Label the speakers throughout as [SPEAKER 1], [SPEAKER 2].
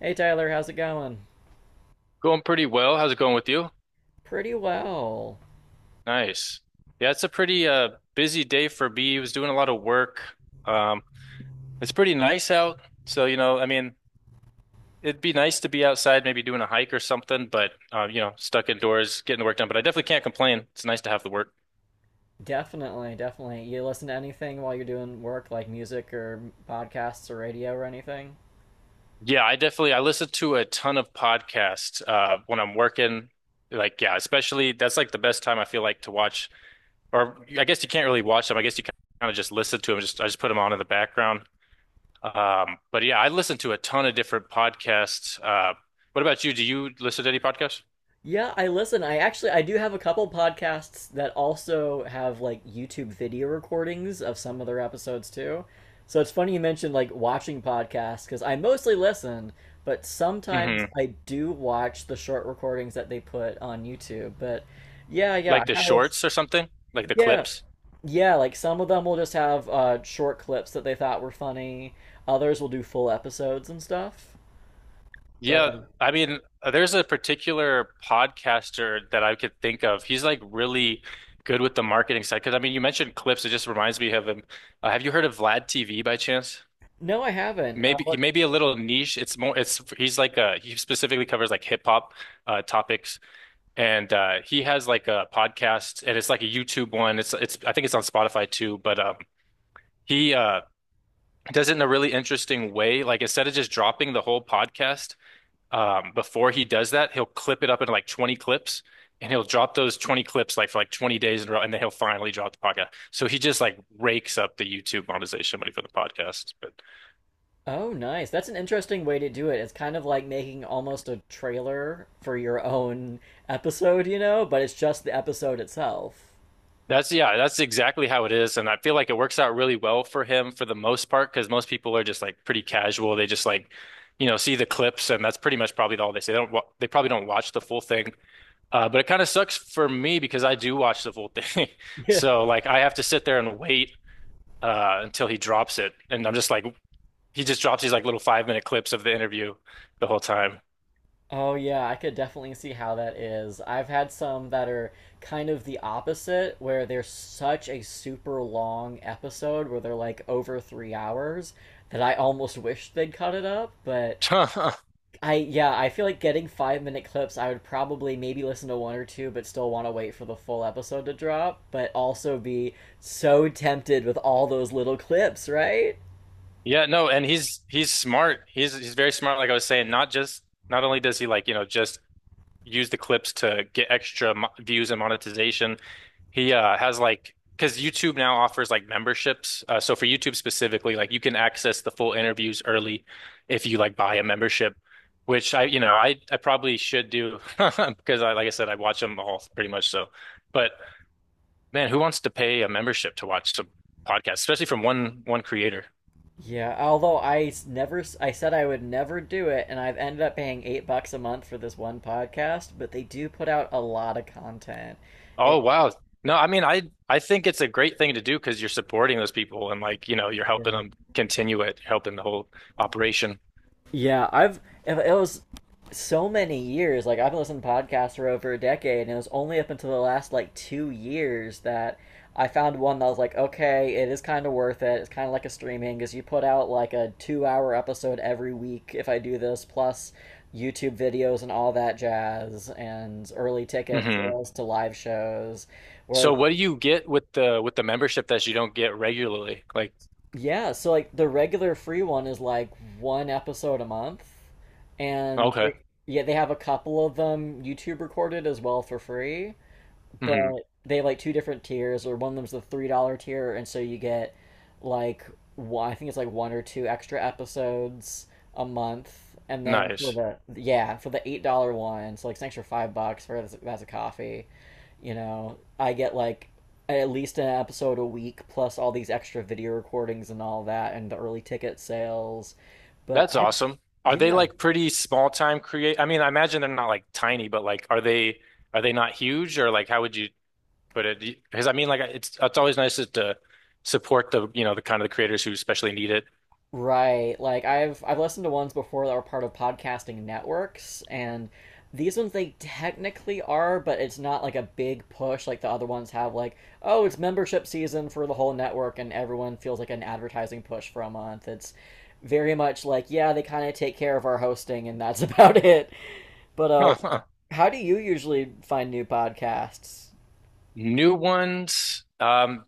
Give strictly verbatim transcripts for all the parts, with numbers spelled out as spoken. [SPEAKER 1] Hey Tyler, how's it going?
[SPEAKER 2] Going pretty well. How's it going with you?
[SPEAKER 1] Pretty well.
[SPEAKER 2] Nice. Yeah, it's a pretty uh busy day for me. I was doing a lot of work. Um, it's pretty nice out. So, you know, I mean, it'd be nice to be outside, maybe doing a hike or something, but uh, you know, stuck indoors, getting the work done. But I definitely can't complain. It's nice to have the work.
[SPEAKER 1] Definitely, definitely. You listen to anything while you're doing work, like music or podcasts or radio or anything?
[SPEAKER 2] Yeah, I definitely I listen to a ton of podcasts uh when I'm working. Like, yeah, especially that's like the best time I feel like to watch, or I guess you can't really watch them. I guess you kind of just listen to them. Just I just put them on in the background. Um, but yeah, I listen to a ton of different podcasts. Uh, what about you? Do you listen to any podcasts?
[SPEAKER 1] Yeah, I listen. I actually I do have a couple podcasts that also have like YouTube video recordings of some of their episodes too. So it's funny you mentioned like watching podcasts because I mostly listen, but sometimes
[SPEAKER 2] Hmm.
[SPEAKER 1] I do watch the short recordings that they put on YouTube. But yeah, yeah, I
[SPEAKER 2] Like the
[SPEAKER 1] kind of
[SPEAKER 2] shorts or something? Like the
[SPEAKER 1] yeah.
[SPEAKER 2] clips?
[SPEAKER 1] Yeah, like some of them will just have uh, short clips that they thought were funny. Others will do full episodes and stuff. But
[SPEAKER 2] Yeah,
[SPEAKER 1] um,
[SPEAKER 2] I mean, there's a particular podcaster that I could think of. He's like really good with the marketing side. Because I mean, you mentioned clips. It just reminds me of him. Uh, have you heard of Vlad T V by chance?
[SPEAKER 1] no, I haven't. Uh,
[SPEAKER 2] Maybe he
[SPEAKER 1] what?
[SPEAKER 2] may be a little niche. It's more. It's he's like uh he specifically covers like hip hop uh topics. And uh, he has like a podcast, and it's like a YouTube one. It's it's I think it's on Spotify too, but um, he uh, does it in a really interesting way. Like, instead of just dropping the whole podcast, um, before he does that, he'll clip it up into like twenty clips. And he'll drop those twenty clips like for like twenty days in a row, and then he'll finally drop the podcast. So he just like rakes up the YouTube monetization money for the podcast. But
[SPEAKER 1] Oh, nice. That's an interesting way to do it. It's kind of like making almost a trailer for your own episode, you know, but it's just the episode itself.
[SPEAKER 2] that's, yeah, that's exactly how it is. And I feel like it works out really well for him for the most part because most people are just like pretty casual. They just like, you know, see the clips and that's pretty much probably all they say. They don't wa they probably don't watch the full thing. Uh, but it kind of sucks for me because I do watch the full thing. So like I have to sit there and wait uh, until he drops it. And I'm just like he just drops these like little five minute clips of the interview the whole time.
[SPEAKER 1] Oh yeah, I could definitely see how that is. I've had some that are kind of the opposite, where they're such a super long episode where they're like over three hours that I almost wish they'd cut it up. But I yeah, I feel like getting five minute clips, I would probably maybe listen to one or two, but still want to wait for the full episode to drop, but also be so tempted with all those little clips, right?
[SPEAKER 2] Yeah, no, and he's he's smart. He's he's very smart. Like I was saying, not just, not only does he like, you know, just use the clips to get extra mo views and monetization. He uh, has like, because YouTube now offers like memberships. Uh, so for YouTube specifically, like you can access the full interviews early if you like buy a membership, which I, you know, I I probably should do because, I like I said, I watch them all pretty much. So but man, who wants to pay a membership to watch some podcasts, especially from one one creator?
[SPEAKER 1] Yeah, although I never, I said I would never do it, and I've ended up paying eight bucks a month for this one podcast, but they do put out a lot of content.
[SPEAKER 2] Oh
[SPEAKER 1] It,
[SPEAKER 2] wow. No, I mean, I I think it's a great thing to do because you're supporting those people and, like, you know, you're helping them
[SPEAKER 1] yeah.
[SPEAKER 2] continue it, helping the whole operation.
[SPEAKER 1] Yeah, I've it was so many years. Like I've been listening to podcasts for over a decade, and it was only up until the last like two years that I found one that was like, okay, it is kind of worth it. It's kind of like a streaming because you put out like a two-hour episode every week if I do this, plus YouTube videos and all that jazz, and early ticket
[SPEAKER 2] Hmm.
[SPEAKER 1] sales to live shows.
[SPEAKER 2] So
[SPEAKER 1] Whereas
[SPEAKER 2] what do you get with the with the membership that you don't get regularly? Like,
[SPEAKER 1] yeah, so like the regular free one is like one episode a month, and
[SPEAKER 2] okay.
[SPEAKER 1] they, yeah, they have a couple of them YouTube recorded as well for free,
[SPEAKER 2] Hmm.
[SPEAKER 1] but they have like two different tiers, or one of them's the three dollar tier, and so you get like one, I think it's like one or two extra episodes a month, and then for
[SPEAKER 2] Nice.
[SPEAKER 1] the yeah for the eight dollar one, so like it's an extra five bucks for that's, that's a coffee. You know, I get like at least an episode a week, plus all these extra video recordings and all that, and the early ticket sales. But
[SPEAKER 2] That's
[SPEAKER 1] I
[SPEAKER 2] awesome. Are they
[SPEAKER 1] yeah.
[SPEAKER 2] like pretty small time create? I mean, I imagine they're not like tiny, but like are they, are they not huge? Or like, how would you? But it, because I mean, like, it's it's always nice to to support, the you know, the kind of the creators who especially need it.
[SPEAKER 1] Right. Like I've I've listened to ones before that were part of podcasting networks, and these ones they technically are, but it's not like a big push like the other ones have like, oh, it's membership season for the whole network and everyone feels like an advertising push for a month. It's very much like, yeah, they kind of take care of our hosting and that's about it. But uh,
[SPEAKER 2] Huh, huh.
[SPEAKER 1] how do you usually find new podcasts?
[SPEAKER 2] New ones. Um,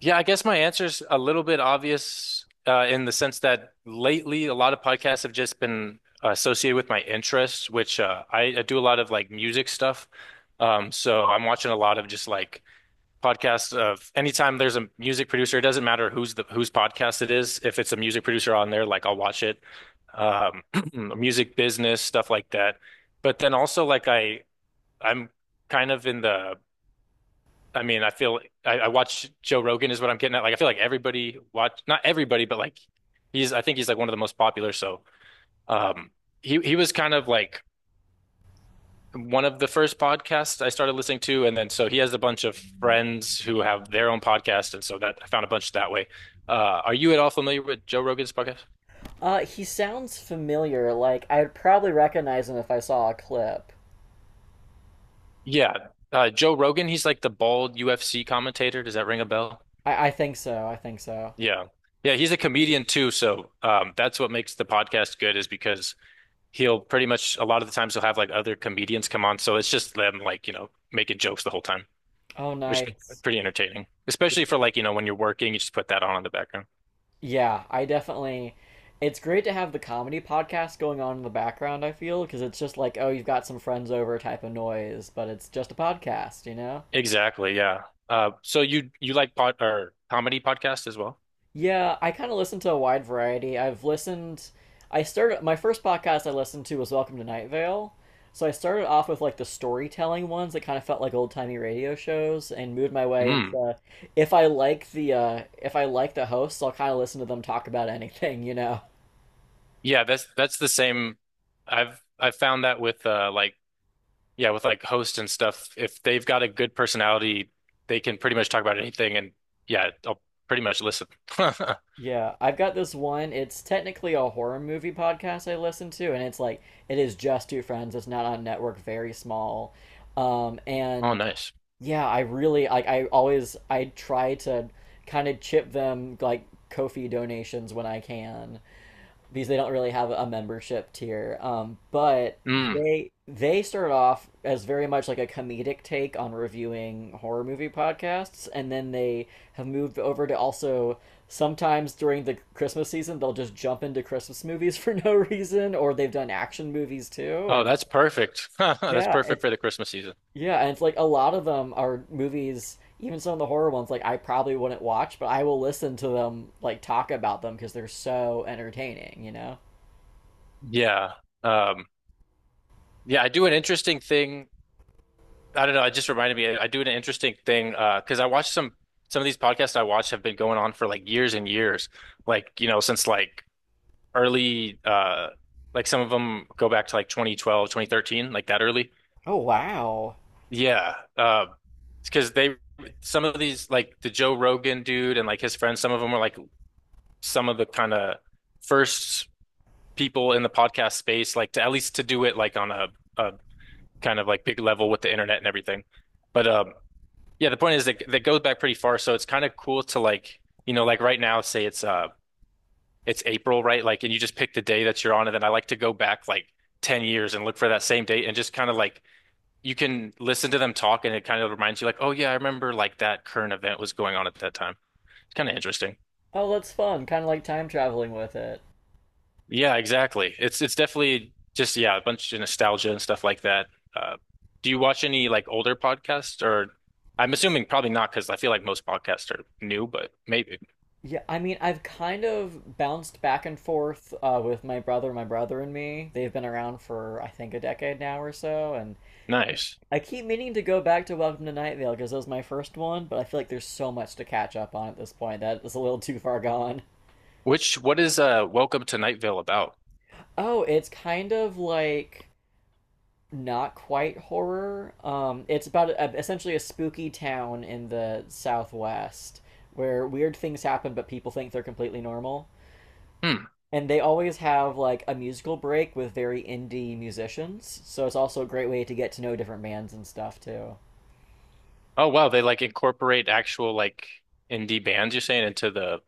[SPEAKER 2] Yeah, I guess my answer's a little bit obvious, uh, in the sense that lately a lot of podcasts have just been associated with my interests, which, uh, I, I do a lot of like music stuff. Um, so I'm watching a lot of just like podcasts of anytime there's a music producer, it doesn't matter who's the whose podcast it is. If it's a music producer on there, like I'll watch it. Um, Music business stuff like that. But then also like I I'm kind of in the, I mean, I feel I, I watch Joe Rogan is what I'm getting at. Like I feel like everybody watch, not everybody, but like he's, I think he's like one of the most popular. So um he he was kind of like one of the first podcasts I started listening to. And then so he has a bunch of friends who have their own podcast. And so that I found a bunch that way. Uh are you at all familiar with Joe Rogan's podcast?
[SPEAKER 1] Uh, he sounds familiar. Like I'd probably recognize him if I saw a clip.
[SPEAKER 2] Yeah. Uh Joe Rogan, he's like the bald U F C commentator. Does that ring a bell?
[SPEAKER 1] I I think so. I think so.
[SPEAKER 2] Yeah. Yeah, he's a comedian too, so um that's what makes the podcast good is because he'll pretty much, a lot of the times he'll have like other comedians come on, so it's just them like, you know, making jokes the whole time,
[SPEAKER 1] Oh,
[SPEAKER 2] which is
[SPEAKER 1] nice.
[SPEAKER 2] pretty entertaining. Especially for like, you know, when you're working, you just put that on in the background.
[SPEAKER 1] Yeah, I definitely. It's great to have the comedy podcast going on in the background, I feel, because it's just like, oh, you've got some friends over type of noise, but it's just a podcast, you know?
[SPEAKER 2] Exactly, yeah. Uh, so you you like pod or comedy podcasts as well?
[SPEAKER 1] Yeah, I kind of listen to a wide variety. I've listened. I started. My first podcast I listened to was Welcome to Night Vale. So I started off with like the storytelling ones that kind of felt like old-timey radio shows, and moved my way
[SPEAKER 2] Mm.
[SPEAKER 1] into if I like the uh if I like the hosts, I'll kind of listen to them talk about anything, you know.
[SPEAKER 2] Yeah, that's that's the same. I've I've found that with uh like, yeah, with like hosts and stuff, if they've got a good personality, they can pretty much talk about anything, and yeah, I'll pretty much listen.
[SPEAKER 1] Yeah, I've got this one. It's technically a horror movie podcast I listen to, and it's like it is just two friends. It's not on network, very small. Um,
[SPEAKER 2] Oh,
[SPEAKER 1] and
[SPEAKER 2] nice.
[SPEAKER 1] yeah, I really like. I always I try to kind of chip them like Kofi donations when I can because they don't really have a membership tier. Um, but
[SPEAKER 2] Mm.
[SPEAKER 1] they they start off as very much like a comedic take on reviewing horror movie podcasts, and then they have moved over to also sometimes during the Christmas season they'll just jump into Christmas movies for no reason, or they've done action movies too,
[SPEAKER 2] Oh,
[SPEAKER 1] and
[SPEAKER 2] that's perfect. That's
[SPEAKER 1] yeah,
[SPEAKER 2] perfect
[SPEAKER 1] it
[SPEAKER 2] for the Christmas season.
[SPEAKER 1] yeah, and it's like a lot of them are movies. Even some of the horror ones, like I probably wouldn't watch, but I will listen to them like talk about them because they're so entertaining, you know.
[SPEAKER 2] Yeah. Um, yeah, I do an interesting thing. I don't know, it just reminded me, I do an interesting thing, uh, because I watch some some of these podcasts I watch have been going on for like years and years. Like, you know, since like early uh like some of them go back to like twenty twelve, twenty thirteen, like that early.
[SPEAKER 1] Oh wow.
[SPEAKER 2] Yeah. Uh, because they, some of these like the Joe Rogan dude and like his friends, some of them were like some of the kind of first people in the podcast space, like to at least to do it like on a, a kind of like big level with the internet and everything. But um, yeah, the point is that that goes back pretty far, so it's kind of cool to like, you know, like right now, say it's uh it's April, right? Like, and you just pick the day that you're on, and then I like to go back like ten years and look for that same date and just kind of like you can listen to them talk and it kind of reminds you like, oh yeah, I remember like that current event was going on at that time. It's kind of interesting.
[SPEAKER 1] Oh, that's fun. Kind of like time traveling with it.
[SPEAKER 2] Yeah, exactly. It's it's definitely just, yeah, a bunch of nostalgia and stuff like that. Uh, do you watch any like older podcasts? Or I'm assuming probably not because I feel like most podcasts are new, but maybe.
[SPEAKER 1] Yeah, I mean, I've kind of bounced back and forth uh, with my brother, my brother and me. They've been around for I think a decade now or so, and
[SPEAKER 2] Nice.
[SPEAKER 1] I keep meaning to go back to Welcome to Night Vale because that was my first one. But I feel like there's so much to catch up on at this point that it's a little too far gone.
[SPEAKER 2] Which, what is uh Welcome to Night Vale about?
[SPEAKER 1] Oh, it's kind of like not quite horror. Um, it's about a, essentially a spooky town in the southwest where weird things happen, but people think they're completely normal.
[SPEAKER 2] Hmm.
[SPEAKER 1] And they always have like a musical break with very indie musicians, so it's also a great way to get to know different bands and stuff too.
[SPEAKER 2] Oh wow, they like incorporate actual like indie bands, you're saying, into the,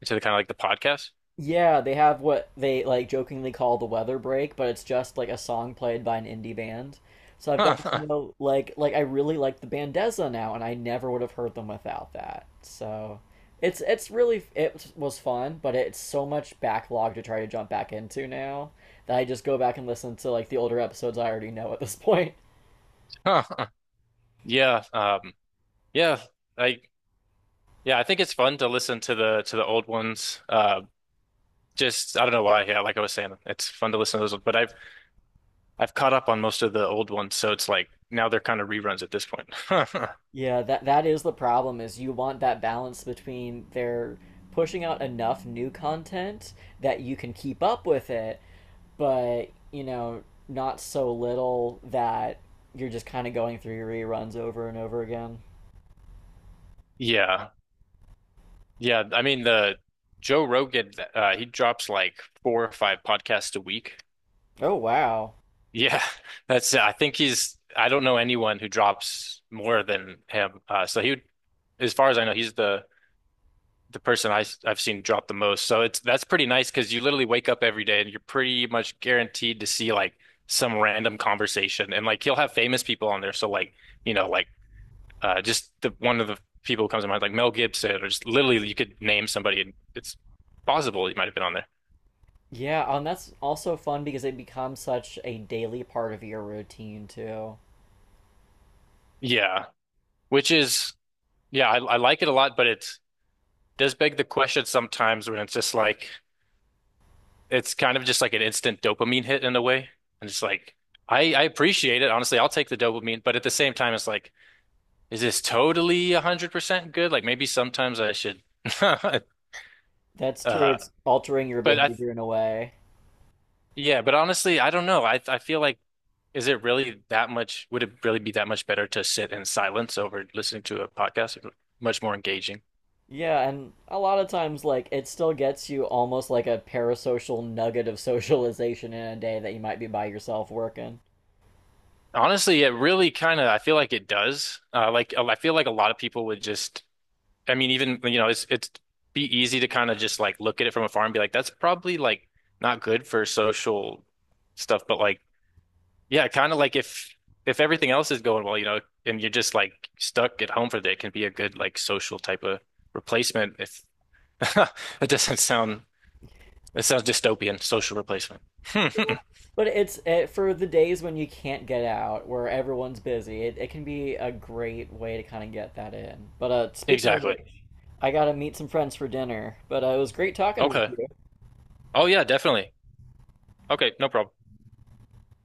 [SPEAKER 2] into the kind of like the podcast?
[SPEAKER 1] Yeah, they have what they like jokingly call the weather break, but it's just like a song played by an indie band. So I've
[SPEAKER 2] Huh,
[SPEAKER 1] gotten to
[SPEAKER 2] huh,
[SPEAKER 1] know like like I really like the band Dezza now, and I never would have heard them without that. So it's it's really it was fun, but it's so much backlog to try to jump back into now that I just go back and listen to like the older episodes I already know at this point.
[SPEAKER 2] huh, huh. Yeah, um yeah, I yeah, I think it's fun to listen to the, to the old ones. Um Just I don't know why. Yeah, like I was saying, it's fun to listen to those, but I've I've caught up on most of the old ones, so it's like now they're kind of reruns at this point.
[SPEAKER 1] Yeah, that that is the problem is you want that balance between their pushing out enough new content that you can keep up with it, but you know, not so little that you're just kind of going through your reruns over and over again.
[SPEAKER 2] Yeah. Yeah, I mean, the Joe Rogan, uh he drops like four or five podcasts a week.
[SPEAKER 1] Oh wow.
[SPEAKER 2] Yeah. That's, I think he's, I don't know anyone who drops more than him. Uh so he would, as far as I know, he's the the person I, i have seen drop the most. So it's, that's pretty nice because you literally wake up every day and you're pretty much guaranteed to see like some random conversation. And like he'll have famous people on there. So like, you know, like uh just the one of the people who comes to mind, like Mel Gibson, or just literally you could name somebody and it's possible he might have been on there.
[SPEAKER 1] Yeah, and that's also fun because it becomes such a daily part of your routine too.
[SPEAKER 2] Yeah. Which is, yeah, I, I like it a lot, but it does beg the question sometimes when it's just like it's kind of just like an instant dopamine hit in a way. And it's like, I, I appreciate it. Honestly, I'll take the dopamine, but at the same time, it's like, is this totally one hundred percent good? Like maybe sometimes I should.
[SPEAKER 1] That's true.
[SPEAKER 2] Uh,
[SPEAKER 1] It's altering your
[SPEAKER 2] but I,
[SPEAKER 1] behavior in a way.
[SPEAKER 2] yeah, but honestly, I don't know. I, I feel like, is it really that much? Would it really be that much better to sit in silence over listening to a podcast? Much more engaging.
[SPEAKER 1] Yeah, and a lot of times like it still gets you almost like a parasocial nugget of socialization in a day that you might be by yourself working.
[SPEAKER 2] Honestly, it really kind of, I feel like it does. Uh, like, I feel like a lot of people would just, I mean, even, you know, it's it's be easy to kind of just like look at it from afar and be like, that's probably like not good for social stuff. But like, yeah, kind of like if if everything else is going well, you know, and you're just like stuck at home for the day, it can be a good like social type of replacement. If it doesn't sound, it sounds dystopian, social replacement.
[SPEAKER 1] But it's it, for the days when you can't get out, where everyone's busy. It, it can be a great way to kind of get that in. But uh, speaking of
[SPEAKER 2] Exactly.
[SPEAKER 1] which, I gotta meet some friends for dinner. But uh, it was great talking with
[SPEAKER 2] Okay.
[SPEAKER 1] you.
[SPEAKER 2] Oh yeah, definitely. Okay, no problem.